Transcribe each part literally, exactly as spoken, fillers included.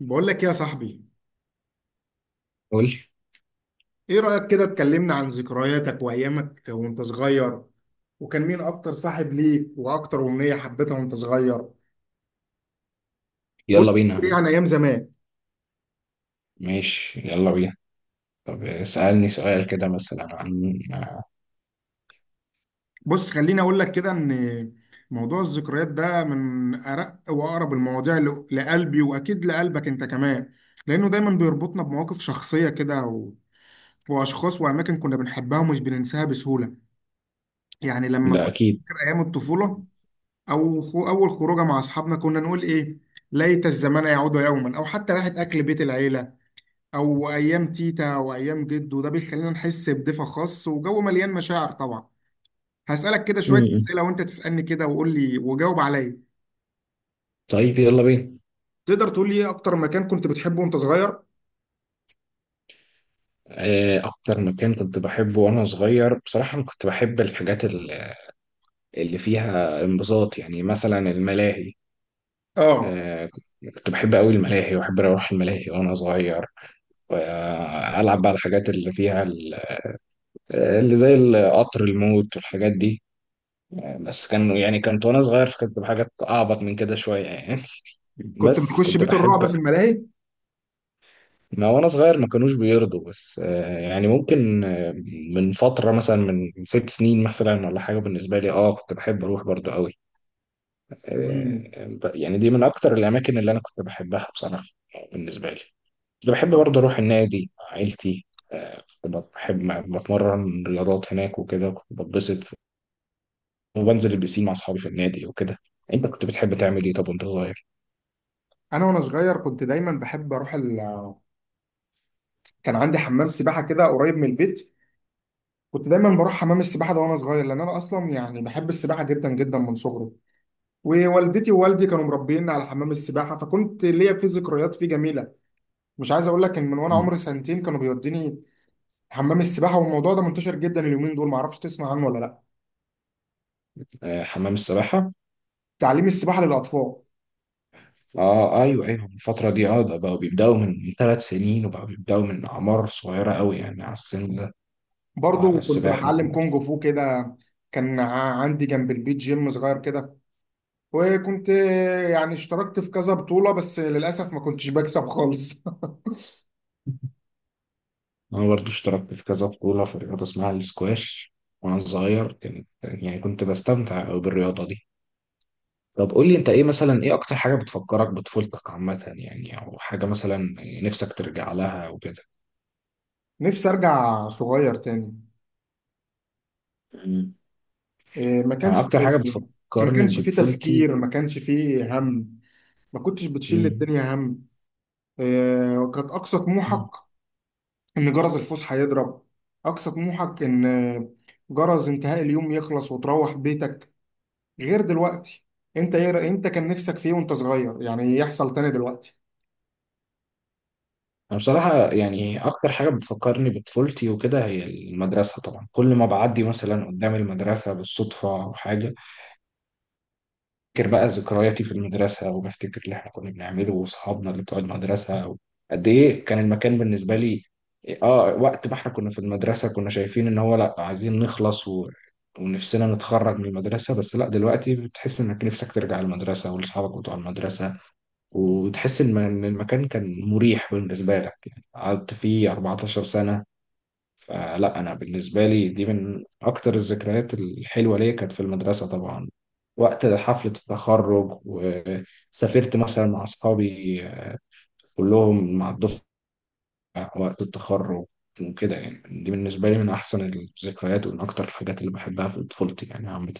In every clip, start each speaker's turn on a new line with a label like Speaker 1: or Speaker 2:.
Speaker 1: بقول لك يا صاحبي،
Speaker 2: قول.
Speaker 1: ايه رأيك كده اتكلمنا عن ذكرياتك وايامك وانت صغير، وكان مين اكتر صاحب ليك واكتر أمنية حبيتها وانت صغير؟ قول
Speaker 2: يلا
Speaker 1: لي ايه
Speaker 2: بينا.
Speaker 1: عن ايام زمان.
Speaker 2: ماشي يلا بينا. طب اسألني سؤال كده مثلا عن.
Speaker 1: بص خليني اقول لك كده ان موضوع الذكريات ده من ارق واقرب المواضيع ل- لقلبي، واكيد لقلبك انت كمان، لانه دايما بيربطنا بمواقف شخصية كده و... واشخاص واماكن كنا بنحبها ومش بننساها بسهولة. يعني لما
Speaker 2: ده
Speaker 1: كنت
Speaker 2: أكيد.
Speaker 1: فاكر ايام الطفولة، أو خو أول خروجة مع أصحابنا كنا نقول إيه؟ ليت الزمان يعود يوما، أو حتى راحة أكل بيت العيلة، أو أيام تيتا وأيام جدو، ده بيخلينا نحس بدفء خاص وجو مليان مشاعر طبعا. هسألك كده شوية
Speaker 2: م-م.
Speaker 1: أسئلة وأنت تسألني كده وقول لي وجاوب عليا.
Speaker 2: طيب يلا بينا.
Speaker 1: تقدر تقول لي إيه أكتر مكان كنت بتحبه وأنت صغير؟
Speaker 2: آه، أكتر مكان كنت بحبه وأنا صغير بصراحة أنا كنت بحب الحاجات ال- اللي فيها انبساط، يعني مثلا الملاهي.
Speaker 1: آه.
Speaker 2: آه، كنت بحب أوي الملاهي وأحب أروح الملاهي وأنا صغير، وألعب بقى الحاجات اللي فيها ال- اللي زي القطر الموت والحاجات دي. آه، بس كان يعني كنت وانا صغير، فكنت بحاجات اعبط من كده شويه يعني.
Speaker 1: كنت
Speaker 2: بس
Speaker 1: بتخش
Speaker 2: كنت
Speaker 1: بيت الرعب
Speaker 2: بحب.
Speaker 1: في الملاهي؟
Speaker 2: ما وانا صغير ما كانوش بيرضوا، بس آه، يعني ممكن آه، من فترة مثلا من ست سنين مثلا ولا حاجة بالنسبة لي، اه كنت بحب اروح برضو قوي.
Speaker 1: مم.
Speaker 2: آه، ب- يعني دي من اكتر الاماكن اللي انا كنت بحبها بصراحة. آه، بالنسبة لي كنت بحب برضو اروح النادي مع عيلتي. آه، كنت بحب بتمرن رياضات هناك وكده، كنت بتبسط، وبنزل البسين مع اصحابي في النادي وكده. انت كنت بتحب تعمل ايه طب وانت صغير؟
Speaker 1: أنا وأنا صغير كنت دايما بحب أروح ال... كان عندي حمام سباحة كده قريب من البيت. كنت دايما بروح حمام السباحه ده وانا صغير، لان انا اصلا يعني بحب السباحه جدا جدا من صغري. ووالدتي ووالدي كانوا مربيني على حمام السباحه، فكنت ليا فيه ذكريات فيه جميله. مش عايز اقول لك ان من وانا
Speaker 2: مم.
Speaker 1: عمري سنتين كانوا بيوديني حمام السباحه، والموضوع ده منتشر جدا اليومين دول، معرفش تسمع عنه ولا لا.
Speaker 2: آه، حمام السباحة.
Speaker 1: تعليم السباحه للاطفال.
Speaker 2: اه، ايوه، ايوه، الفترة دي اه ده بقوا بيبدأوا من ثلاث سنين وبقوا بيبدأوا من أعمار صغيرة قوي يعني على السن ده. على
Speaker 1: برضو كنت
Speaker 2: السباحة
Speaker 1: بتعلم
Speaker 2: عامة.
Speaker 1: كونج فو كده. كان ع- عندي جنب البيت جيم صغير كده، وكنت يعني اشتركت في كذا بطوله، بس للاسف ما كنتش بكسب خالص.
Speaker 2: أنا برضو اشتركت في كذا بطولة في رياضة اسمها السكواش، وأنا صغير كان يعني كنت بستمتع أوي بالرياضة دي. طب قول لي أنت إيه مثلا، إيه أكتر حاجة بتفكرك بطفولتك عامة يعني؟ أو حاجة مثلا نفسك ترجع لها وكده.
Speaker 1: نفسي ارجع صغير تاني.
Speaker 2: مم.
Speaker 1: إيه، ما
Speaker 2: أنا
Speaker 1: كانش
Speaker 2: أكتر حاجة
Speaker 1: ما
Speaker 2: بتفكرني
Speaker 1: كانش فيه
Speaker 2: بطفولتي.
Speaker 1: تفكير، ما كانش فيه هم، ما كنتش بتشيل
Speaker 2: مم.
Speaker 1: الدنيا هم. إيه، كانت أقصى طموحك إن جرس الفسحة يضرب، أقصى طموحك إن جرس انتهاء اليوم يخلص وتروح بيتك، غير دلوقتي. أنت إيه، أنت كان نفسك فيه وأنت صغير يعني يحصل تاني دلوقتي؟
Speaker 2: أنا بصراحة يعني أكتر حاجة بتفكرني بطفولتي وكده هي المدرسة طبعا. كل ما بعدي مثلا قدام المدرسة بالصدفة أو حاجة، بفتكر بقى ذكرياتي في المدرسة، وبفتكر اللي إحنا كنا بنعمله وأصحابنا اللي بتوع المدرسة، قد إيه كان المكان بالنسبة لي. آه وقت ما إحنا كنا في المدرسة كنا شايفين إن هو لأ عايزين نخلص، و... ونفسنا نتخرج من المدرسة. بس لأ دلوقتي بتحس إنك نفسك ترجع المدرسة ولأصحابك بتوع المدرسة، وتحس إن إن المكان كان مريح بالنسبة لك، يعني قعدت فيه أربعة عشر سنة. فلا أنا بالنسبة لي دي من أكتر الذكريات الحلوة ليا، كانت في المدرسة طبعا، وقت حفلة التخرج، وسافرت مثلا مع أصحابي آه، كلهم مع الدفعة وقت التخرج وكده، يعني دي بالنسبة لي من أحسن الذكريات ومن أكتر الحاجات اللي بحبها في طفولتي يعني عامة.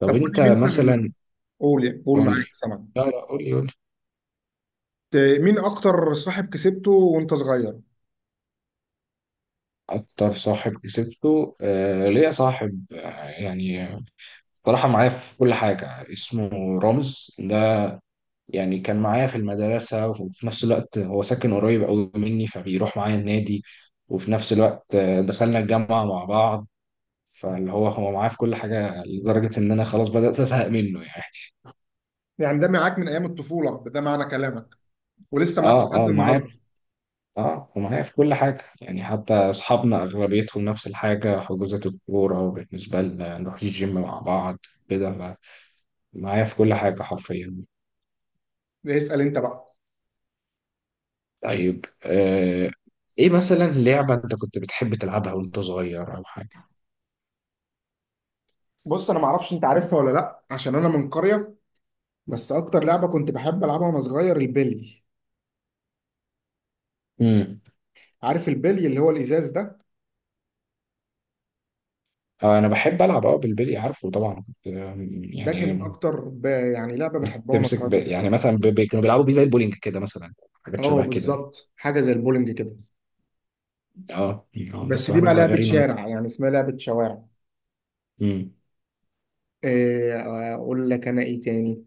Speaker 2: طب
Speaker 1: طب قول لي
Speaker 2: أنت
Speaker 1: مين كان،
Speaker 2: مثلا.
Speaker 1: قول قول
Speaker 2: قول لي.
Speaker 1: معاك سمع.
Speaker 2: لا، لا، قول لي.
Speaker 1: مين أكتر صاحب كسبته وأنت صغير؟
Speaker 2: أكتر صاحب كسبته، آه ليا صاحب آه، يعني صراحة معايا في كل حاجة، اسمه رامز ده. يعني كان معايا في المدرسة وفي نفس الوقت هو ساكن قريب أوي مني، فبيروح معايا النادي، وفي نفس الوقت آه، دخلنا الجامعة مع بعض. فاللي هو هو معايا في كل حاجة لدرجة إن أنا خلاص بدأت أزهق منه يعني.
Speaker 1: يعني ده معاك من أيام الطفولة ده معنى كلامك، ولسه معاك
Speaker 2: اه،
Speaker 1: لحد
Speaker 2: اه، معايا
Speaker 1: النهاردة؟
Speaker 2: في. اه، ومعايا في كل حاجة، يعني حتى أصحابنا أغلبيتهم نفس الحاجة، حجوزات الكورة بالنسبة لنا نروح الجيم مع بعض كده، معايا في كل حاجة حرفيا.
Speaker 1: اسأل أنت بقى.
Speaker 2: طيب آه، ايه مثلا لعبة انت كنت بتحب تلعبها وانت صغير؟ او حاجة.
Speaker 1: بص انا ما اعرفش انت عارفها ولا لا عشان انا من قريه، بس اكتر لعبه كنت بحب العبها وانا صغير البلي.
Speaker 2: امم.
Speaker 1: عارف البلي اللي هو الازاز ده؟
Speaker 2: آه، انا بحب العب اه بالبلي، عارفه طبعا كنت، آم،
Speaker 1: ده
Speaker 2: يعني
Speaker 1: كان اكتر ب... يعني لعبه بحبها وانا
Speaker 2: تمسك ب...
Speaker 1: صغير
Speaker 2: يعني
Speaker 1: بصراحه.
Speaker 2: مثلا ب... ب... كانوا بيلعبوا بيه زي البولينج كده مثلا، حاجات
Speaker 1: اه،
Speaker 2: شبه كده يعني.
Speaker 1: بالظبط حاجه زي البولينج كده.
Speaker 2: اه يعني آه،
Speaker 1: بس
Speaker 2: بس
Speaker 1: دي
Speaker 2: واحنا
Speaker 1: بقى لعبه
Speaker 2: صغيرين.
Speaker 1: شارع يعني اسمها لعبه شوارع.
Speaker 2: امم.
Speaker 1: إيه اقول لك انا ايه تاني،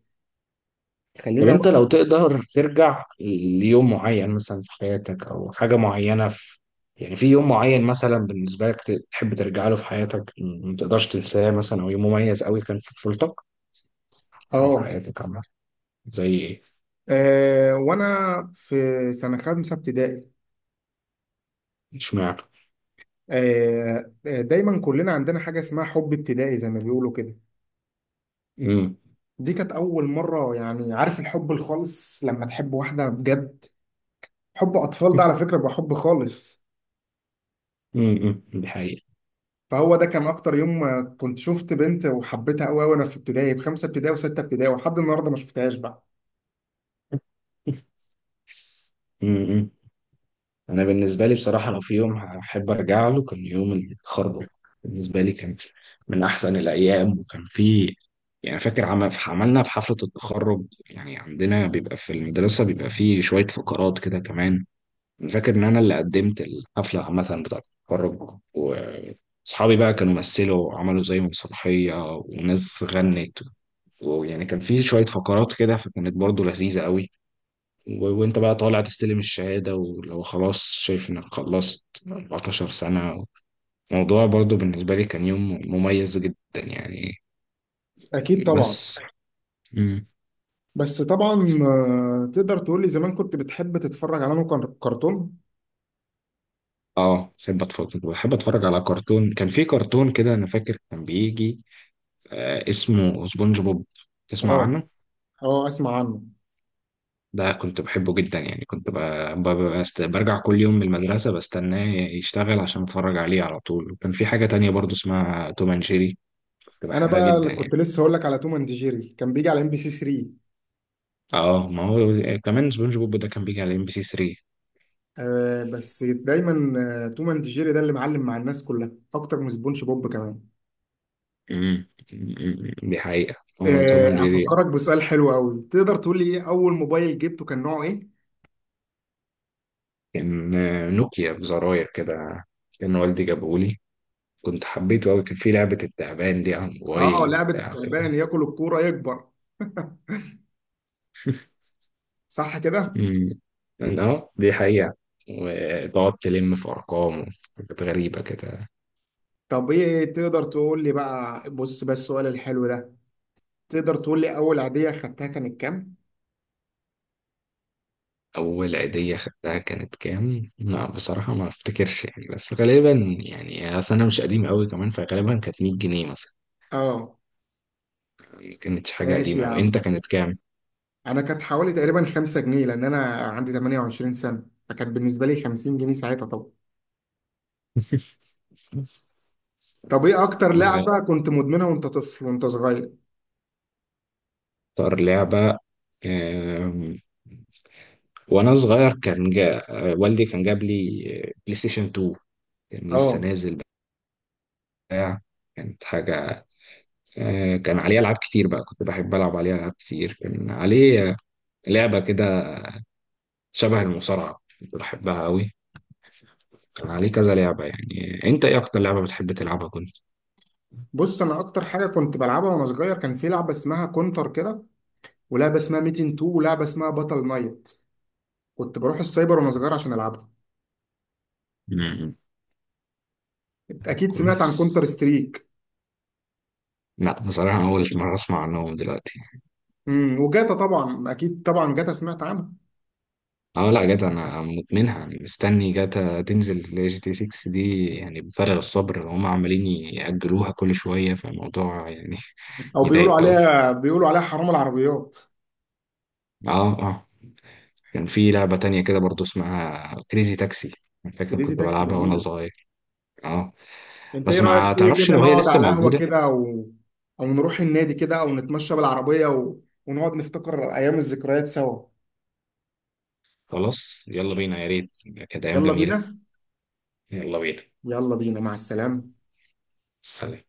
Speaker 2: طب
Speaker 1: خليني
Speaker 2: انت
Speaker 1: اقول.
Speaker 2: لو تقدر ترجع ليوم معين مثلا في حياتك، او حاجة معينة في، يعني في يوم معين مثلا بالنسبة لك ت- تحب ترجع له في حياتك ما تقدرش تنساه مثلا، او يوم مميز قوي كان في طفولتك او في
Speaker 1: اه
Speaker 2: حياتك عامة؟ زي ايه؟
Speaker 1: آه، وانا في سنه خامسه ابتدائي.
Speaker 2: اشمعنى؟
Speaker 1: آه، آه، دايما كلنا عندنا حاجه اسمها حب ابتدائي زي ما بيقولوا كده.
Speaker 2: امم.
Speaker 1: دي كانت أول مرة يعني عارف الحب الخالص لما تحب واحدة بجد، حب أطفال ده على فكرة بيبقى حب خالص.
Speaker 2: امم، أمم، دي حقيقة.
Speaker 1: فهو ده كان أكتر يوم، آه، كنت شفت بنت وحبيتها أوي وأنا في ابتدائي في خمسة ابتدائي وستة ابتدائي، ولحد النهاردة ما شفتهاش بقى.
Speaker 2: امم. انا بالنسبه لي بصراحه، لو في يوم هحب ارجع له كان يوم التخرج. بالنسبه لي كان من احسن الايام، وكان في يعني فاكر عمل عملنا في حفله التخرج، يعني عندنا بيبقى في المدرسه بيبقى في شويه فقرات كده كمان. انا فاكر ان انا اللي قدمت الحفله عامه بتاعه التخرج، واصحابي بقى كانوا مثلوا وعملوا زي مسرحيه وناس غنت، ويعني كان في شويه فقرات كده فكانت برضو لذيذه قوي، و- وانت بقى طالع تستلم الشهادة، ولو خلاص شايف انك خلصت أربعة عشر سنة، الموضوع برضو بالنسبة لي كان يوم مميز جدا يعني.
Speaker 1: أكيد طبعا.
Speaker 2: بس. امم.
Speaker 1: بس طبعا، آه، تقدر تقول لي زمان كنت بتحب تتفرج على أنه كان- كرتون؟
Speaker 2: اه، بحب اتفرج بحب اتفرج على كرتون. كان في كرتون كده انا فاكر كان بيجي آه اسمه سبونج بوب، تسمع
Speaker 1: أه.
Speaker 2: عنه؟
Speaker 1: أه أسمع عنه.
Speaker 2: ده كنت بحبه جدا يعني، كنت ب... ب... بست... برجع كل يوم من المدرسة بستناه يشتغل عشان اتفرج عليه على طول، وكان في حاجة تانية برضو اسمها توم اند جيري، كنت
Speaker 1: أنا
Speaker 2: بحبها
Speaker 1: بقى اللي
Speaker 2: جدا يعني.
Speaker 1: كنت لسه هقول لك على توم أند جيري، كان بيجي على ام بي سي تلاتة.
Speaker 2: اه، ما هو كمان سبونج بوب ده كان بيجي على ام بي سي تلاتة.
Speaker 1: آه بس دايما، آه، توم اند جيري ده اللي معلم مع الناس كلها اكتر من سبونج بوب كمان.
Speaker 2: امم، دي حقيقة. هو توم
Speaker 1: آه،
Speaker 2: اند جيري يعني.
Speaker 1: هفكرك بسؤال حلو قوي. تقدر تقول لي ايه اول موبايل جبته كان نوعه ايه؟
Speaker 2: كان آه، نوكيا بزراير كده، كان والدي جابهولي، كنت حبيته أوي، كان في لعبة التعبان دي على
Speaker 1: اه، آه،
Speaker 2: الموبايل
Speaker 1: لعبة
Speaker 2: وبتاع كده.
Speaker 1: التعبان ياكل الكورة يكبر، صح كده؟
Speaker 2: أمم. اه، دي حقيقة. وتقعد تلم في أرقام وفي حاجات غريبة كده.
Speaker 1: طب ايه تقدر تقول لي بقى، بص بس السؤال الحلو ده، تقدر تقول لي اول عادية خدتها كانت كام؟
Speaker 2: أول عيدية خدتها كانت كام؟ لا بصراحة ما أفتكرش يعني، بس غالبا يعني، أصل أنا مش قديم أوي كمان، فغالبا كانت مية جنيه مثلا.
Speaker 1: اه،
Speaker 2: كانت حاجة
Speaker 1: ماشي
Speaker 2: قديمة
Speaker 1: يا
Speaker 2: أوي، أنت
Speaker 1: عم.
Speaker 2: كانت كام؟
Speaker 1: انا كانت حوالي تقريبا خمسة جنيه، لان انا عندي ثمانية وعشرين سنة، فكانت بالنسبة لي خمسين جنيه ساعتها طبعا. طب ايه اكتر لعبة كنت مدمنها وانت طفل وانت صغير؟
Speaker 2: أكتر لعبة آم، وأنا صغير كان جا... آه، والدي كان جاب لي آه، بلاي ستيشن تو، كان لسه
Speaker 1: اه،
Speaker 2: نازل بتاع، كانت حاجة آه، كان عليه ألعاب كتير بقى، كنت بحب ألعب عليه ألعاب كتير، كان عليه آه، لعبة كده شبه المصارعة كنت بحبها أوي، كان عليه كذا لعبة يعني. أنت إيه أكتر لعبة بتحب تلعبها كنت؟
Speaker 1: بص انا اكتر حاجة كنت بلعبها وانا صغير كان في لعبة اسمها كونتر كده، ولعبه اسمها ميتين تو، ولعبه اسمها باتل نايت. كنت بروح السايبر وانا صغير عشان العبها.
Speaker 2: مم.
Speaker 1: اكيد سمعت عن كونتر
Speaker 2: كويس.
Speaker 1: ستريك.
Speaker 2: لا بصراحة أول مرة أسمع عنهم دلوقتي.
Speaker 1: امم وجاتا طبعا، اكيد طبعا جاتا سمعت عنها.
Speaker 2: أه لا جدع، أنا مدمنها يعني، مستني جاتا تنزل ل جي تي ستة دي يعني بفارغ الصبر، هم عمالين يأجلوها كل شوية، فالموضوع يعني
Speaker 1: او بيقولوا
Speaker 2: يضايق أوي.
Speaker 1: عليها بيقولوا عليها حرام العربيات.
Speaker 2: أه، أه. كان في لعبة تانية كده برضو اسمها كريزي تاكسي، أنا فاكر
Speaker 1: كريزي
Speaker 2: كنت
Speaker 1: تاكسي
Speaker 2: بلعبها وأنا
Speaker 1: جميله.
Speaker 2: صغير. أه.
Speaker 1: انت ايه
Speaker 2: بس
Speaker 1: رايك
Speaker 2: ما
Speaker 1: تيجي
Speaker 2: تعرفش
Speaker 1: كده
Speaker 2: لو هي
Speaker 1: نقعد
Speaker 2: لسه
Speaker 1: على القهوه
Speaker 2: موجودة.
Speaker 1: كده، او او نروح النادي كده، او نتمشى بالعربيه و... ونقعد نفتكر ايام الذكريات سوا.
Speaker 2: خلاص يلا بينا يا ريت، كانت أيام
Speaker 1: يلا
Speaker 2: جميلة.
Speaker 1: بينا.
Speaker 2: يلا بينا.
Speaker 1: يلا بينا مع السلامه.
Speaker 2: سلام.